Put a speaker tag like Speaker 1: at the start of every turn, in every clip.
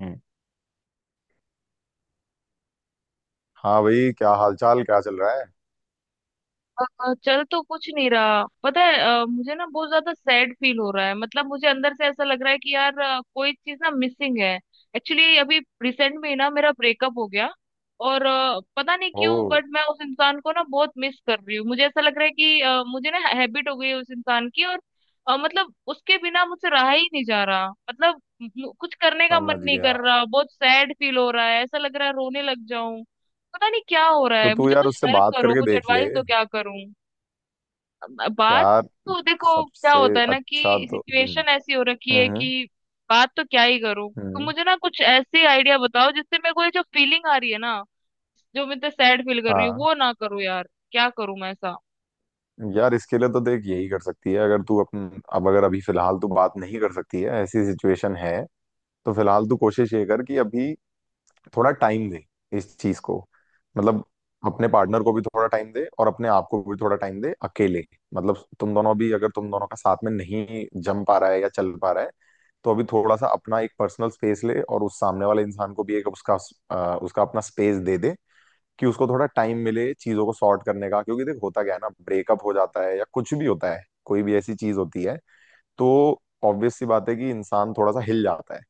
Speaker 1: हम्म, हाँ भाई, क्या हालचाल, क्या चल रहा है।
Speaker 2: चल तो कुछ नहीं रहा, पता है। मुझे ना बहुत ज्यादा सैड फील हो रहा है। मतलब मुझे अंदर से ऐसा लग रहा है कि यार कोई चीज ना मिसिंग है। एक्चुअली अभी रिसेंट में ही ना मेरा ब्रेकअप हो गया। और पता नहीं क्यों,
Speaker 1: ओ।
Speaker 2: बट मैं उस इंसान को ना बहुत मिस कर रही हूँ। मुझे ऐसा लग रहा है कि मुझे ना हैबिट हो गई है उस इंसान की। और मतलब उसके बिना मुझसे रहा ही नहीं जा रहा। मतलब कुछ करने का
Speaker 1: समझ
Speaker 2: मन नहीं
Speaker 1: गया।
Speaker 2: कर रहा। बहुत सैड फील हो रहा है, ऐसा लग रहा है रोने लग जाऊं। पता नहीं क्या हो रहा
Speaker 1: तो
Speaker 2: है
Speaker 1: तू
Speaker 2: मुझे।
Speaker 1: यार
Speaker 2: कुछ
Speaker 1: उससे
Speaker 2: हेल्प
Speaker 1: बात
Speaker 2: करो,
Speaker 1: करके
Speaker 2: कुछ
Speaker 1: देख ले।
Speaker 2: एडवाइस दो, क्या करूं। बात?
Speaker 1: यार।
Speaker 2: तो देखो क्या
Speaker 1: सबसे
Speaker 2: होता है ना
Speaker 1: अच्छा।
Speaker 2: कि
Speaker 1: तो हम्म।
Speaker 2: सिचुएशन ऐसी हो रखी है
Speaker 1: हम्म।
Speaker 2: कि बात तो क्या ही करूं। तो
Speaker 1: हम्म।
Speaker 2: मुझे ना कुछ ऐसे आइडिया बताओ जिससे मेरे को ये जो फीलिंग आ रही है ना, जो मैं इतना सैड फील कर रही हूँ
Speaker 1: हाँ।
Speaker 2: वो ना करूँ। यार क्या करूं मैं ऐसा।
Speaker 1: यार, इसके लिए तो देख यही कर सकती है। अगर तू अपन अब अगर अभी फिलहाल तू बात नहीं कर सकती है, ऐसी सिचुएशन है, तो फिलहाल तू कोशिश ये कर कि अभी थोड़ा टाइम दे इस चीज को। मतलब अपने पार्टनर को भी थोड़ा टाइम दे और अपने आप को भी थोड़ा टाइम दे अकेले। मतलब तुम दोनों भी, अगर तुम दोनों का साथ में नहीं जम पा रहा है या चल पा रहा है, तो अभी थोड़ा सा अपना एक पर्सनल स्पेस ले और उस सामने वाले इंसान को भी एक उसका उसका अपना स्पेस दे दे, कि उसको थोड़ा टाइम मिले चीजों को सॉर्ट करने का। क्योंकि देख, होता क्या है ना, ब्रेकअप हो जाता है या कुछ भी होता है, कोई भी ऐसी चीज होती है तो ऑब्वियस सी बात है कि इंसान थोड़ा सा हिल जाता है।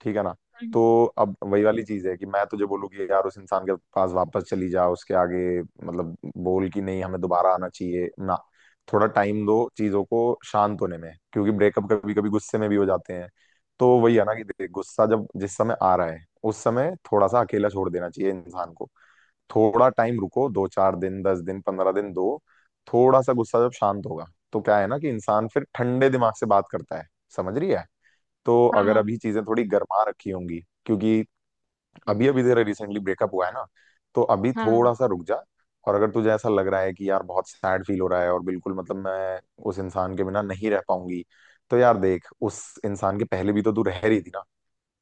Speaker 1: ठीक है ना।
Speaker 2: हम्म,
Speaker 1: तो अब वही वाली चीज है कि मैं तुझे बोलूँ कि यार उस इंसान के पास वापस चली जा उसके आगे, मतलब बोल कि नहीं हमें दोबारा आना चाहिए ना। थोड़ा टाइम दो चीजों को शांत होने में, क्योंकि ब्रेकअप कभी कभी गुस्से में भी हो जाते हैं। तो वही है ना कि देख, गुस्सा जब जिस समय आ रहा है उस समय थोड़ा सा अकेला छोड़ देना चाहिए इंसान को। थोड़ा टाइम रुको, दो चार दिन, दस दिन, पंद्रह दिन दो। थोड़ा सा गुस्सा जब शांत होगा तो क्या है ना कि इंसान फिर ठंडे दिमाग से बात करता है। समझ रही है। तो
Speaker 2: हाँ
Speaker 1: अगर
Speaker 2: हाँ
Speaker 1: अभी चीजें थोड़ी गर्मा रखी होंगी, क्योंकि अभी अभी तेरा रिसेंटली ब्रेकअप हुआ है ना, तो अभी
Speaker 2: हाँ हाँ
Speaker 1: थोड़ा सा रुक जा। और अगर तुझे ऐसा लग रहा है कि यार बहुत सैड फील हो रहा है और बिल्कुल मतलब मैं उस इंसान के बिना नहीं रह पाऊंगी, तो यार देख, उस इंसान के पहले भी तो तू रह रही थी ना।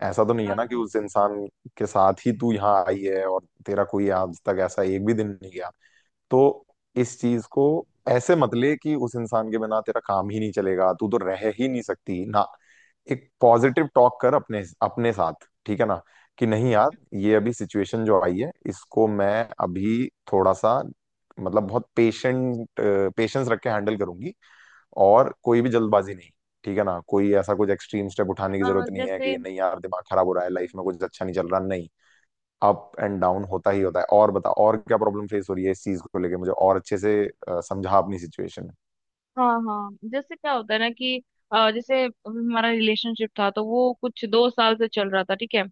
Speaker 1: ऐसा तो नहीं है ना कि
Speaker 2: हाँ
Speaker 1: उस इंसान के साथ ही तू यहाँ आई है और तेरा कोई आज तक ऐसा एक भी दिन नहीं गया। तो इस चीज को ऐसे मत ले कि उस इंसान के बिना तेरा काम ही नहीं चलेगा, तू तो रह ही नहीं सकती ना। एक पॉजिटिव टॉक कर अपने अपने साथ। ठीक है ना। कि नहीं यार, ये अभी सिचुएशन जो आई है, इसको मैं अभी थोड़ा सा, मतलब बहुत पेशेंट, पेशेंस रख के हैंडल करूंगी, और कोई भी जल्दबाजी नहीं। ठीक है ना। कोई ऐसा कुछ एक्सट्रीम स्टेप उठाने की
Speaker 2: हाँ।
Speaker 1: जरूरत नहीं है
Speaker 2: जैसे
Speaker 1: कि नहीं यार दिमाग खराब हो रहा है, लाइफ में कुछ अच्छा नहीं चल रहा, नहीं। अप एंड डाउन होता ही होता है। और बता, और क्या प्रॉब्लम फेस हो रही है, इस चीज को लेके मुझे और अच्छे से समझा अपनी सिचुएशन।
Speaker 2: हाँ हाँ जैसे क्या होता है ना कि जैसे हमारा रिलेशनशिप था तो वो कुछ 2 साल से चल रहा था, ठीक है।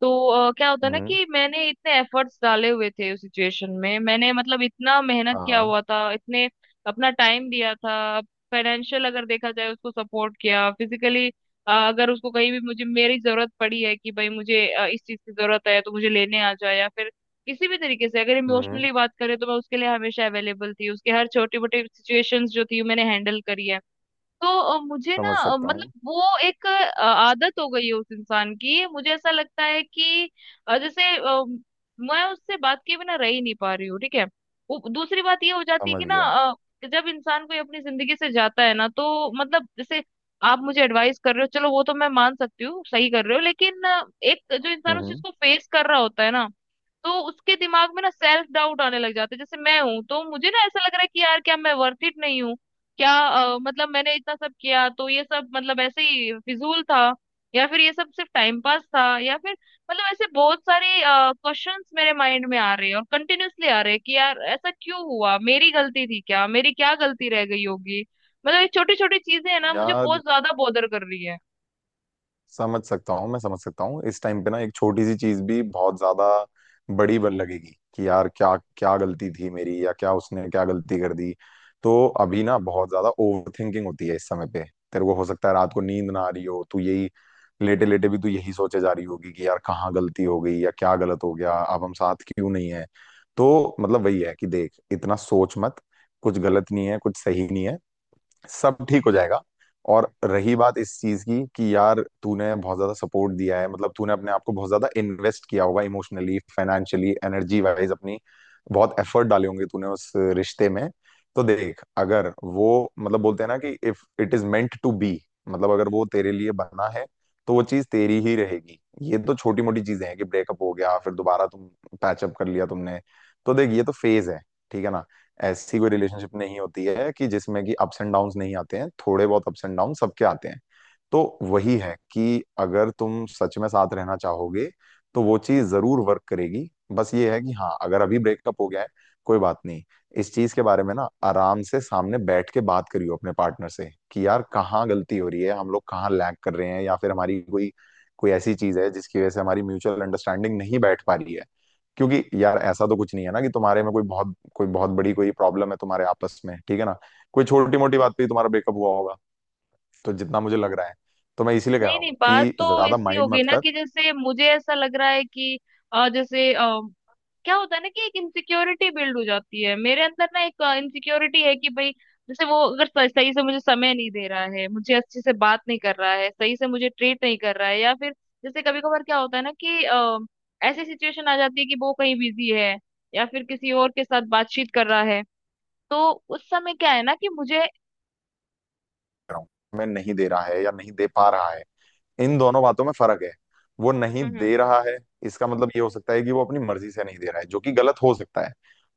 Speaker 2: तो क्या होता है ना
Speaker 1: हम्म।
Speaker 2: कि मैंने इतने एफर्ट्स डाले हुए थे उस सिचुएशन में, मैंने मतलब इतना मेहनत किया
Speaker 1: हाँ।
Speaker 2: हुआ था, इतने अपना टाइम दिया था। फाइनेंशियल अगर देखा जाए उसको सपोर्ट किया, फिजिकली अगर उसको कहीं भी, मुझे मेरी जरूरत पड़ी है कि भाई मुझे इस चीज की जरूरत है तो मुझे लेने आ जाए, या फिर किसी भी तरीके से, अगर
Speaker 1: हम्म।
Speaker 2: इमोशनली बात करें तो मैं उसके लिए हमेशा अवेलेबल थी। उसके हर छोटी मोटी सिचुएशंस जो थी मैंने हैंडल करी है। तो मुझे
Speaker 1: समझ
Speaker 2: ना
Speaker 1: सकता
Speaker 2: मतलब
Speaker 1: हूँ।
Speaker 2: वो एक आदत हो गई है उस इंसान की। मुझे ऐसा लगता है कि जैसे मैं उससे बात किए बिना रह ही नहीं पा रही हूँ, ठीक है। वो दूसरी बात ये हो जाती है
Speaker 1: समझ
Speaker 2: कि ना
Speaker 1: गया।
Speaker 2: जब इंसान कोई अपनी जिंदगी से जाता है ना तो मतलब जैसे आप मुझे एडवाइस कर रहे हो, चलो वो तो मैं मान सकती हूँ, सही कर रहे हो, लेकिन एक जो इंसान उस चीज
Speaker 1: हम्म।
Speaker 2: को फेस कर रहा होता है ना तो उसके दिमाग में ना सेल्फ डाउट आने लग जाता है। जैसे मैं हूं तो मुझे ना ऐसा लग रहा है कि यार क्या मैं वर्थ इट नहीं हूँ? क्या मतलब मैंने इतना सब किया तो ये सब मतलब ऐसे ही फिजूल था? या फिर ये सब सिर्फ टाइम पास था? या फिर मतलब ऐसे बहुत सारे क्वेश्चंस मेरे माइंड में आ रहे हैं, और कंटिन्यूअसली आ रहे हैं कि यार ऐसा क्यों हुआ, मेरी गलती थी क्या, मेरी क्या गलती रह गई होगी। मतलब ये छोटी छोटी चीजें हैं ना मुझे
Speaker 1: यार,
Speaker 2: बहुत ज्यादा बॉदर कर रही है।
Speaker 1: समझ सकता हूँ, मैं समझ सकता हूँ। इस टाइम पे ना एक छोटी सी चीज भी बहुत ज्यादा बड़ी बन लगेगी कि यार क्या क्या गलती थी मेरी या क्या उसने क्या गलती कर दी। तो अभी ना बहुत ज्यादा ओवर थिंकिंग होती है इस समय पे। तेरे को हो सकता है रात को नींद ना आ रही हो, तू यही लेटे लेटे भी तू यही सोचे जा रही होगी कि यार कहाँ गलती हो गई या क्या गलत हो गया, अब हम साथ क्यों नहीं है। तो मतलब वही है कि देख, इतना सोच मत। कुछ गलत नहीं है, कुछ सही नहीं है, सब ठीक हो जाएगा। और रही बात इस चीज की कि यार तूने बहुत ज्यादा सपोर्ट दिया है, मतलब तूने अपने आप को बहुत ज्यादा इन्वेस्ट किया होगा इमोशनली, फाइनेंशियली, एनर्जी वाइज अपनी, बहुत एफर्ट डाले होंगे तूने उस रिश्ते में। तो देख, अगर वो, मतलब बोलते हैं ना कि if it is meant to be, मतलब अगर वो तेरे लिए बना है तो वो चीज तेरी ही रहेगी। ये तो छोटी मोटी चीजें हैं कि ब्रेकअप हो गया, फिर दोबारा तुम पैचअप कर लिया तुमने। तो देख, ये तो फेज है। ठीक है ना। ऐसी कोई रिलेशनशिप नहीं होती है कि जिसमें कि अप्स एंड डाउन्स नहीं आते हैं, थोड़े बहुत अप्स एंड डाउन सबके आते हैं। तो वही है कि अगर तुम सच में साथ रहना चाहोगे तो वो चीज जरूर वर्क करेगी। बस ये है कि हाँ, अगर अभी ब्रेकअप हो गया है, कोई बात नहीं, इस चीज के बारे में ना आराम से सामने बैठ के बात करियो अपने पार्टनर से कि यार कहाँ गलती हो रही है, हम लोग कहाँ लैग कर रहे हैं, या फिर हमारी कोई कोई ऐसी चीज है जिसकी वजह से हमारी म्यूचुअल अंडरस्टैंडिंग नहीं बैठ पा रही है। क्योंकि यार ऐसा तो कुछ नहीं है ना कि तुम्हारे में कोई बहुत बड़ी कोई प्रॉब्लम है तुम्हारे आपस में। ठीक है ना। कोई छोटी मोटी बात पे ही तुम्हारा ब्रेकअप हुआ होगा, तो जितना मुझे लग रहा है, तो मैं इसीलिए कह रहा
Speaker 2: नहीं नहीं,
Speaker 1: हूँ
Speaker 2: बात
Speaker 1: कि
Speaker 2: तो
Speaker 1: ज्यादा
Speaker 2: इससे हो
Speaker 1: माइंड
Speaker 2: गई
Speaker 1: मत
Speaker 2: ना
Speaker 1: कर। कह
Speaker 2: कि जैसे मुझे ऐसा लग रहा है कि जैसे क्या होता है ना कि एक इनसिक्योरिटी बिल्ड हो जाती है मेरे अंदर ना, एक इनसिक्योरिटी है कि भाई जैसे वो अगर सही से मुझे समय नहीं दे रहा है, मुझे अच्छे से बात नहीं कर रहा है, सही से मुझे ट्रीट नहीं कर रहा है, या फिर जैसे कभी कभार क्या होता है ना कि ऐसी सिचुएशन आ जाती है कि वो कहीं बिजी है या फिर किसी और के साथ बातचीत कर रहा है, तो उस समय क्या है ना कि मुझे
Speaker 1: रहा हूँ, मैं नहीं दे रहा है या नहीं दे पा रहा है, इन दोनों बातों में फर्क है। वो नहीं
Speaker 2: हम्म।
Speaker 1: दे रहा है, इसका मतलब ये हो सकता है कि वो अपनी मर्जी से नहीं दे रहा है, जो कि गलत हो सकता है।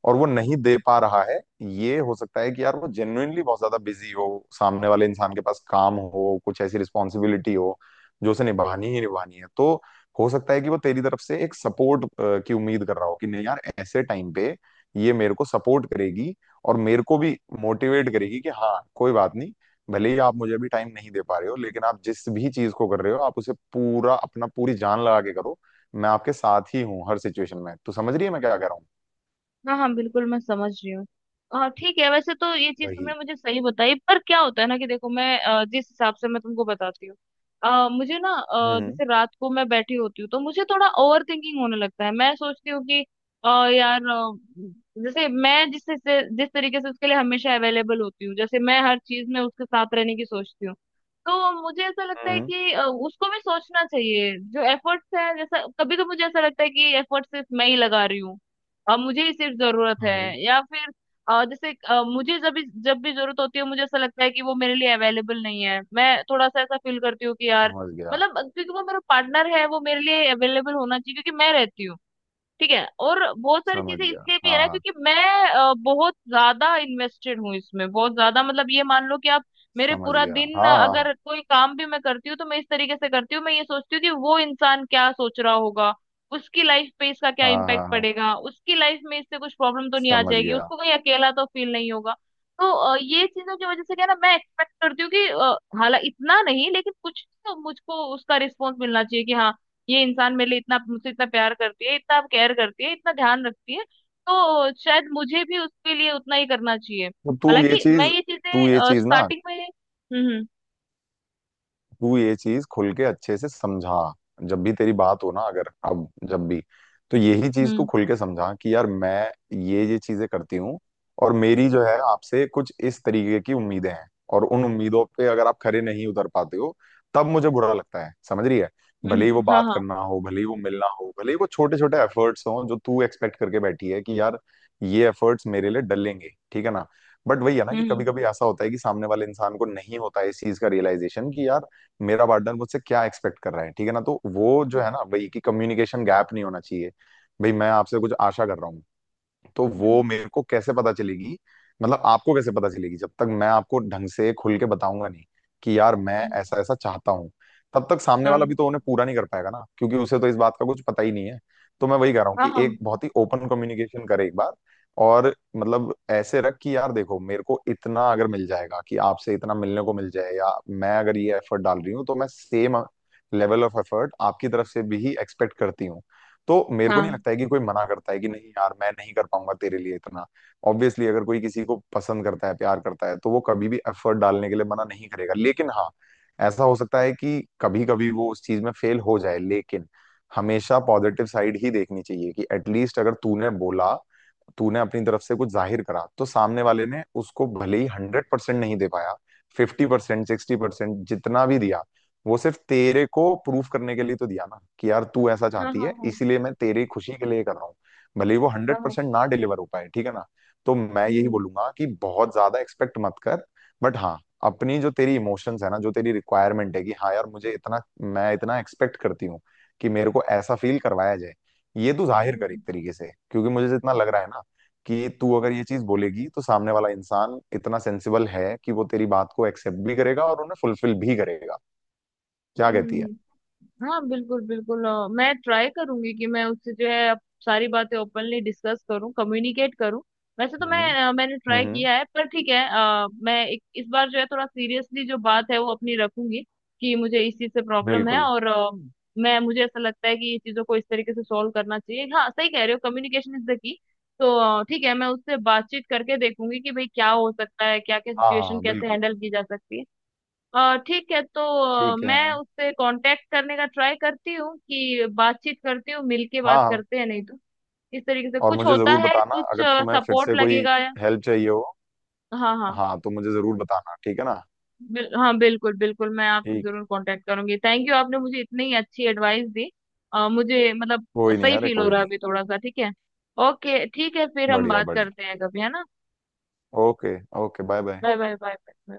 Speaker 1: और वो नहीं दे पा रहा है, ये हो सकता है कि यार वो जेन्युइनली बहुत ज्यादा बिजी हो, सामने वाले इंसान के पास काम हो, कुछ ऐसी रिस्पॉन्सिबिलिटी हो जो उसे निभानी ही निभानी है। तो हो सकता है कि वो तेरी तरफ से एक सपोर्ट की उम्मीद कर रहा हो कि नहीं यार, ऐसे टाइम पे ये मेरे को सपोर्ट करेगी और मेरे को भी मोटिवेट करेगी कि हाँ कोई बात नहीं, भले ही आप मुझे भी टाइम नहीं दे पा रहे हो, लेकिन आप जिस भी चीज को कर रहे हो आप उसे पूरा अपना, पूरी जान लगा के करो, मैं आपके साथ ही हूँ हर सिचुएशन में। तू समझ रही है मैं क्या कह रहा हूँ।
Speaker 2: हाँ हाँ, बिल्कुल मैं समझ रही हूँ। हाँ ठीक है, वैसे तो ये चीज तुमने
Speaker 1: वही।
Speaker 2: मुझे सही बताई, पर क्या होता है ना कि देखो मैं जिस हिसाब से मैं तुमको बताती हूँ मुझे ना
Speaker 1: हम्म।
Speaker 2: जैसे रात को मैं बैठी होती हूँ तो मुझे थोड़ा ओवर थिंकिंग होने लगता है। मैं सोचती हूँ कि अ, यार जैसे मैं जिस से जिस तरीके से उसके लिए हमेशा अवेलेबल होती हूँ, जैसे मैं हर चीज में उसके साथ रहने की सोचती हूँ, तो मुझे ऐसा लगता है
Speaker 1: हम्म।
Speaker 2: कि उसको भी सोचना चाहिए जो एफर्ट्स है। जैसा कभी तो मुझे ऐसा लगता है कि एफर्ट्स सिर्फ मैं ही लगा रही हूँ, अब मुझे ही सिर्फ जरूरत है।
Speaker 1: हम्म।
Speaker 2: या फिर जैसे मुझे जब भी जरूरत होती है मुझे ऐसा लगता है कि वो मेरे लिए अवेलेबल नहीं है। मैं थोड़ा सा ऐसा फील करती हूँ कि यार
Speaker 1: समझ गया।
Speaker 2: मतलब क्योंकि वो मेरा पार्टनर है, वो मेरे लिए अवेलेबल होना चाहिए, क्योंकि मैं रहती हूँ। ठीक है, और बहुत सारी
Speaker 1: समझ
Speaker 2: चीजें
Speaker 1: गया।
Speaker 2: इसलिए भी है
Speaker 1: हाँ
Speaker 2: ना,
Speaker 1: हाँ।
Speaker 2: क्योंकि मैं बहुत ज्यादा इन्वेस्टेड हूँ इसमें, बहुत ज्यादा। मतलब ये मान लो कि आप मेरे
Speaker 1: समझ
Speaker 2: पूरा
Speaker 1: गया।
Speaker 2: दिन
Speaker 1: हाँ हाँ
Speaker 2: अगर कोई काम भी मैं करती हूँ तो मैं इस तरीके से करती हूँ, मैं ये सोचती हूँ कि वो इंसान क्या सोच रहा होगा, उसकी लाइफ पे इसका क्या
Speaker 1: हाँ
Speaker 2: इम्पैक्ट
Speaker 1: हाँ हाँ।
Speaker 2: पड़ेगा, उसकी लाइफ में इससे कुछ प्रॉब्लम तो नहीं आ
Speaker 1: समझ
Speaker 2: जाएगी,
Speaker 1: गया।
Speaker 2: उसको कहीं अकेला तो फील नहीं होगा। तो ये चीजों की वजह से क्या है ना, मैं एक्सपेक्ट करती हूँ कि हालांकि इतना नहीं, लेकिन कुछ तो मुझको उसका रिस्पॉन्स मिलना चाहिए कि हाँ ये इंसान मेरे लिए इतना, मुझसे इतना प्यार करती है, इतना केयर करती है, इतना ध्यान रखती है, तो शायद मुझे भी उसके लिए उतना ही करना चाहिए।
Speaker 1: तो तू ये
Speaker 2: हालांकि मैं
Speaker 1: चीज,
Speaker 2: ये
Speaker 1: तू ये
Speaker 2: चीजें
Speaker 1: चीज ना
Speaker 2: स्टार्टिंग में
Speaker 1: तू ये चीज खुल के अच्छे से समझा। जब भी तेरी बात हो ना, अगर अब जब भी, तो यही चीज तू
Speaker 2: हम्म
Speaker 1: खुल के समझा कि यार मैं ये चीजें करती हूँ, और मेरी जो है आपसे कुछ इस तरीके की उम्मीदें हैं, और उन उम्मीदों पे अगर आप खरे नहीं उतर पाते हो तब मुझे बुरा लगता है। समझ रही है। भले ही वो
Speaker 2: हाँ
Speaker 1: बात
Speaker 2: हाँ।
Speaker 1: करना हो, भले ही वो मिलना हो, भले ही वो छोटे छोटे एफर्ट्स हों जो तू एक्सपेक्ट करके बैठी है कि यार ये एफर्ट्स मेरे लिए डलेंगे। ठीक है ना। बट वही है ना
Speaker 2: हम्म
Speaker 1: कि
Speaker 2: हम्म
Speaker 1: कभी कभी ऐसा होता है कि सामने वाले इंसान को नहीं होता है इस चीज का रियलाइजेशन कि यार मेरा पार्टनर मुझसे क्या एक्सपेक्ट कर रहा है। ठीक है ना। तो वो जो है ना भाई, कि कम्युनिकेशन गैप नहीं होना चाहिए। भाई, मैं आपसे कुछ आशा कर रहा हूँ, तो वो मेरे को कैसे पता चलेगी, मतलब आपको कैसे पता चलेगी जब तक मैं आपको ढंग से खुल के बताऊंगा नहीं कि यार मैं
Speaker 2: हम्म,
Speaker 1: ऐसा ऐसा चाहता हूँ। तब तक सामने वाला
Speaker 2: हाँ
Speaker 1: भी तो उन्हें पूरा नहीं कर पाएगा ना, क्योंकि उसे तो इस बात का कुछ पता ही नहीं है। तो मैं वही कह रहा हूँ
Speaker 2: हाँ
Speaker 1: कि
Speaker 2: हाँ
Speaker 1: एक बहुत ही ओपन कम्युनिकेशन करे एक बार। और मतलब ऐसे रख कि यार देखो, मेरे को इतना अगर मिल जाएगा कि आपसे इतना मिलने को मिल जाए, या मैं अगर ये एफर्ट डाल रही हूँ तो मैं सेम लेवल ऑफ एफर्ट आपकी तरफ से भी ही एक्सपेक्ट करती हूँ। तो मेरे को नहीं लगता है कि कोई मना करता है कि नहीं यार मैं नहीं कर पाऊंगा तेरे लिए इतना। ऑब्वियसली, अगर कोई किसी को पसंद करता है, प्यार करता है, तो वो कभी भी एफर्ट डालने के लिए मना नहीं करेगा। लेकिन हाँ, ऐसा हो सकता है कि कभी कभी वो उस चीज में फेल हो जाए, लेकिन हमेशा पॉजिटिव साइड ही देखनी चाहिए कि एटलीस्ट अगर तूने बोला, तूने अपनी तरफ से कुछ जाहिर करा, तो सामने वाले ने उसको भले ही हंड्रेड परसेंट नहीं दे पाया, फिफ्टी परसेंट, सिक्सटी परसेंट जितना भी दिया, वो सिर्फ तेरे को प्रूफ करने के लिए तो दिया ना कि यार तू ऐसा
Speaker 2: हाँ
Speaker 1: चाहती
Speaker 2: हाँ
Speaker 1: है,
Speaker 2: हाँ हाँ
Speaker 1: इसीलिए मैं तेरी खुशी के लिए कर रहा हूँ, भले ही वो हंड्रेड
Speaker 2: हाँ,
Speaker 1: परसेंट ना डिलीवर हो पाए। ठीक है ना। तो मैं
Speaker 2: हम्म
Speaker 1: यही
Speaker 2: हम्म
Speaker 1: बोलूंगा कि बहुत ज्यादा एक्सपेक्ट मत कर। बट हाँ, अपनी जो तेरी इमोशंस है ना, जो तेरी रिक्वायरमेंट है कि हाँ यार मुझे इतना, मैं इतना एक्सपेक्ट करती हूँ कि मेरे को ऐसा फील करवाया जाए, ये तू जाहिर कर एक
Speaker 2: हम्म
Speaker 1: तरीके से। क्योंकि मुझे जितना लग रहा है ना, कि तू अगर ये चीज बोलेगी तो सामने वाला इंसान इतना सेंसिबल है कि वो तेरी बात को एक्सेप्ट भी करेगा और उन्हें फुलफिल भी करेगा। क्या
Speaker 2: हम्म
Speaker 1: कहती
Speaker 2: हम्म,
Speaker 1: है।
Speaker 2: हम्म, हाँ बिल्कुल बिल्कुल मैं ट्राई करूंगी कि मैं उससे जो है अब सारी बातें ओपनली डिस्कस करूं, कम्युनिकेट करूं। वैसे तो
Speaker 1: हम्म
Speaker 2: मैं मैंने ट्राई
Speaker 1: हम्म।
Speaker 2: किया है, पर ठीक है मैं एक, इस बार जो है थोड़ा सीरियसली जो बात है वो अपनी रखूंगी कि मुझे इस चीज से प्रॉब्लम है।
Speaker 1: बिल्कुल।
Speaker 2: और मैं मुझे ऐसा लगता है कि ये चीजों को इस तरीके से सॉल्व करना चाहिए। हाँ सही कह रहे हो, कम्युनिकेशन इज द की। तो ठीक है, मैं उससे बातचीत करके देखूंगी कि भाई क्या हो सकता है, क्या क्या
Speaker 1: हाँ हाँ
Speaker 2: सिचुएशन
Speaker 1: हाँ,
Speaker 2: कैसे
Speaker 1: बिल्कुल।
Speaker 2: हैंडल की जा सकती है। ठीक है, तो
Speaker 1: ठीक है।
Speaker 2: मैं उससे कांटेक्ट करने का ट्राई करती हूँ कि बातचीत करती हूँ, मिलके
Speaker 1: हाँ
Speaker 2: बात
Speaker 1: हाँ।
Speaker 2: करते हैं, नहीं तो इस तरीके से
Speaker 1: और
Speaker 2: कुछ
Speaker 1: मुझे
Speaker 2: होता
Speaker 1: जरूर
Speaker 2: है,
Speaker 1: बताना
Speaker 2: कुछ
Speaker 1: अगर तुम्हें फिर
Speaker 2: सपोर्ट
Speaker 1: से कोई
Speaker 2: लगेगा या
Speaker 1: हेल्प चाहिए हो।
Speaker 2: हाँ हाँ
Speaker 1: हाँ, तो मुझे जरूर बताना। ठीक है ना।
Speaker 2: हाँ बिल्कुल बिल्कुल, मैं आपसे
Speaker 1: ठीक।
Speaker 2: जरूर कांटेक्ट करूंगी। थैंक यू, आपने मुझे इतनी अच्छी एडवाइस दी। मुझे मतलब
Speaker 1: कोई नहीं,
Speaker 2: सही
Speaker 1: अरे
Speaker 2: फील हो
Speaker 1: कोई
Speaker 2: रहा है
Speaker 1: नहीं।
Speaker 2: अभी थोड़ा सा। ठीक है, ओके ठीक है, फिर हम
Speaker 1: बढ़िया
Speaker 2: बात
Speaker 1: बढ़िया।
Speaker 2: करते हैं कभी, है ना।
Speaker 1: Okay. Okay, bye bye.
Speaker 2: Bye bye bye bye.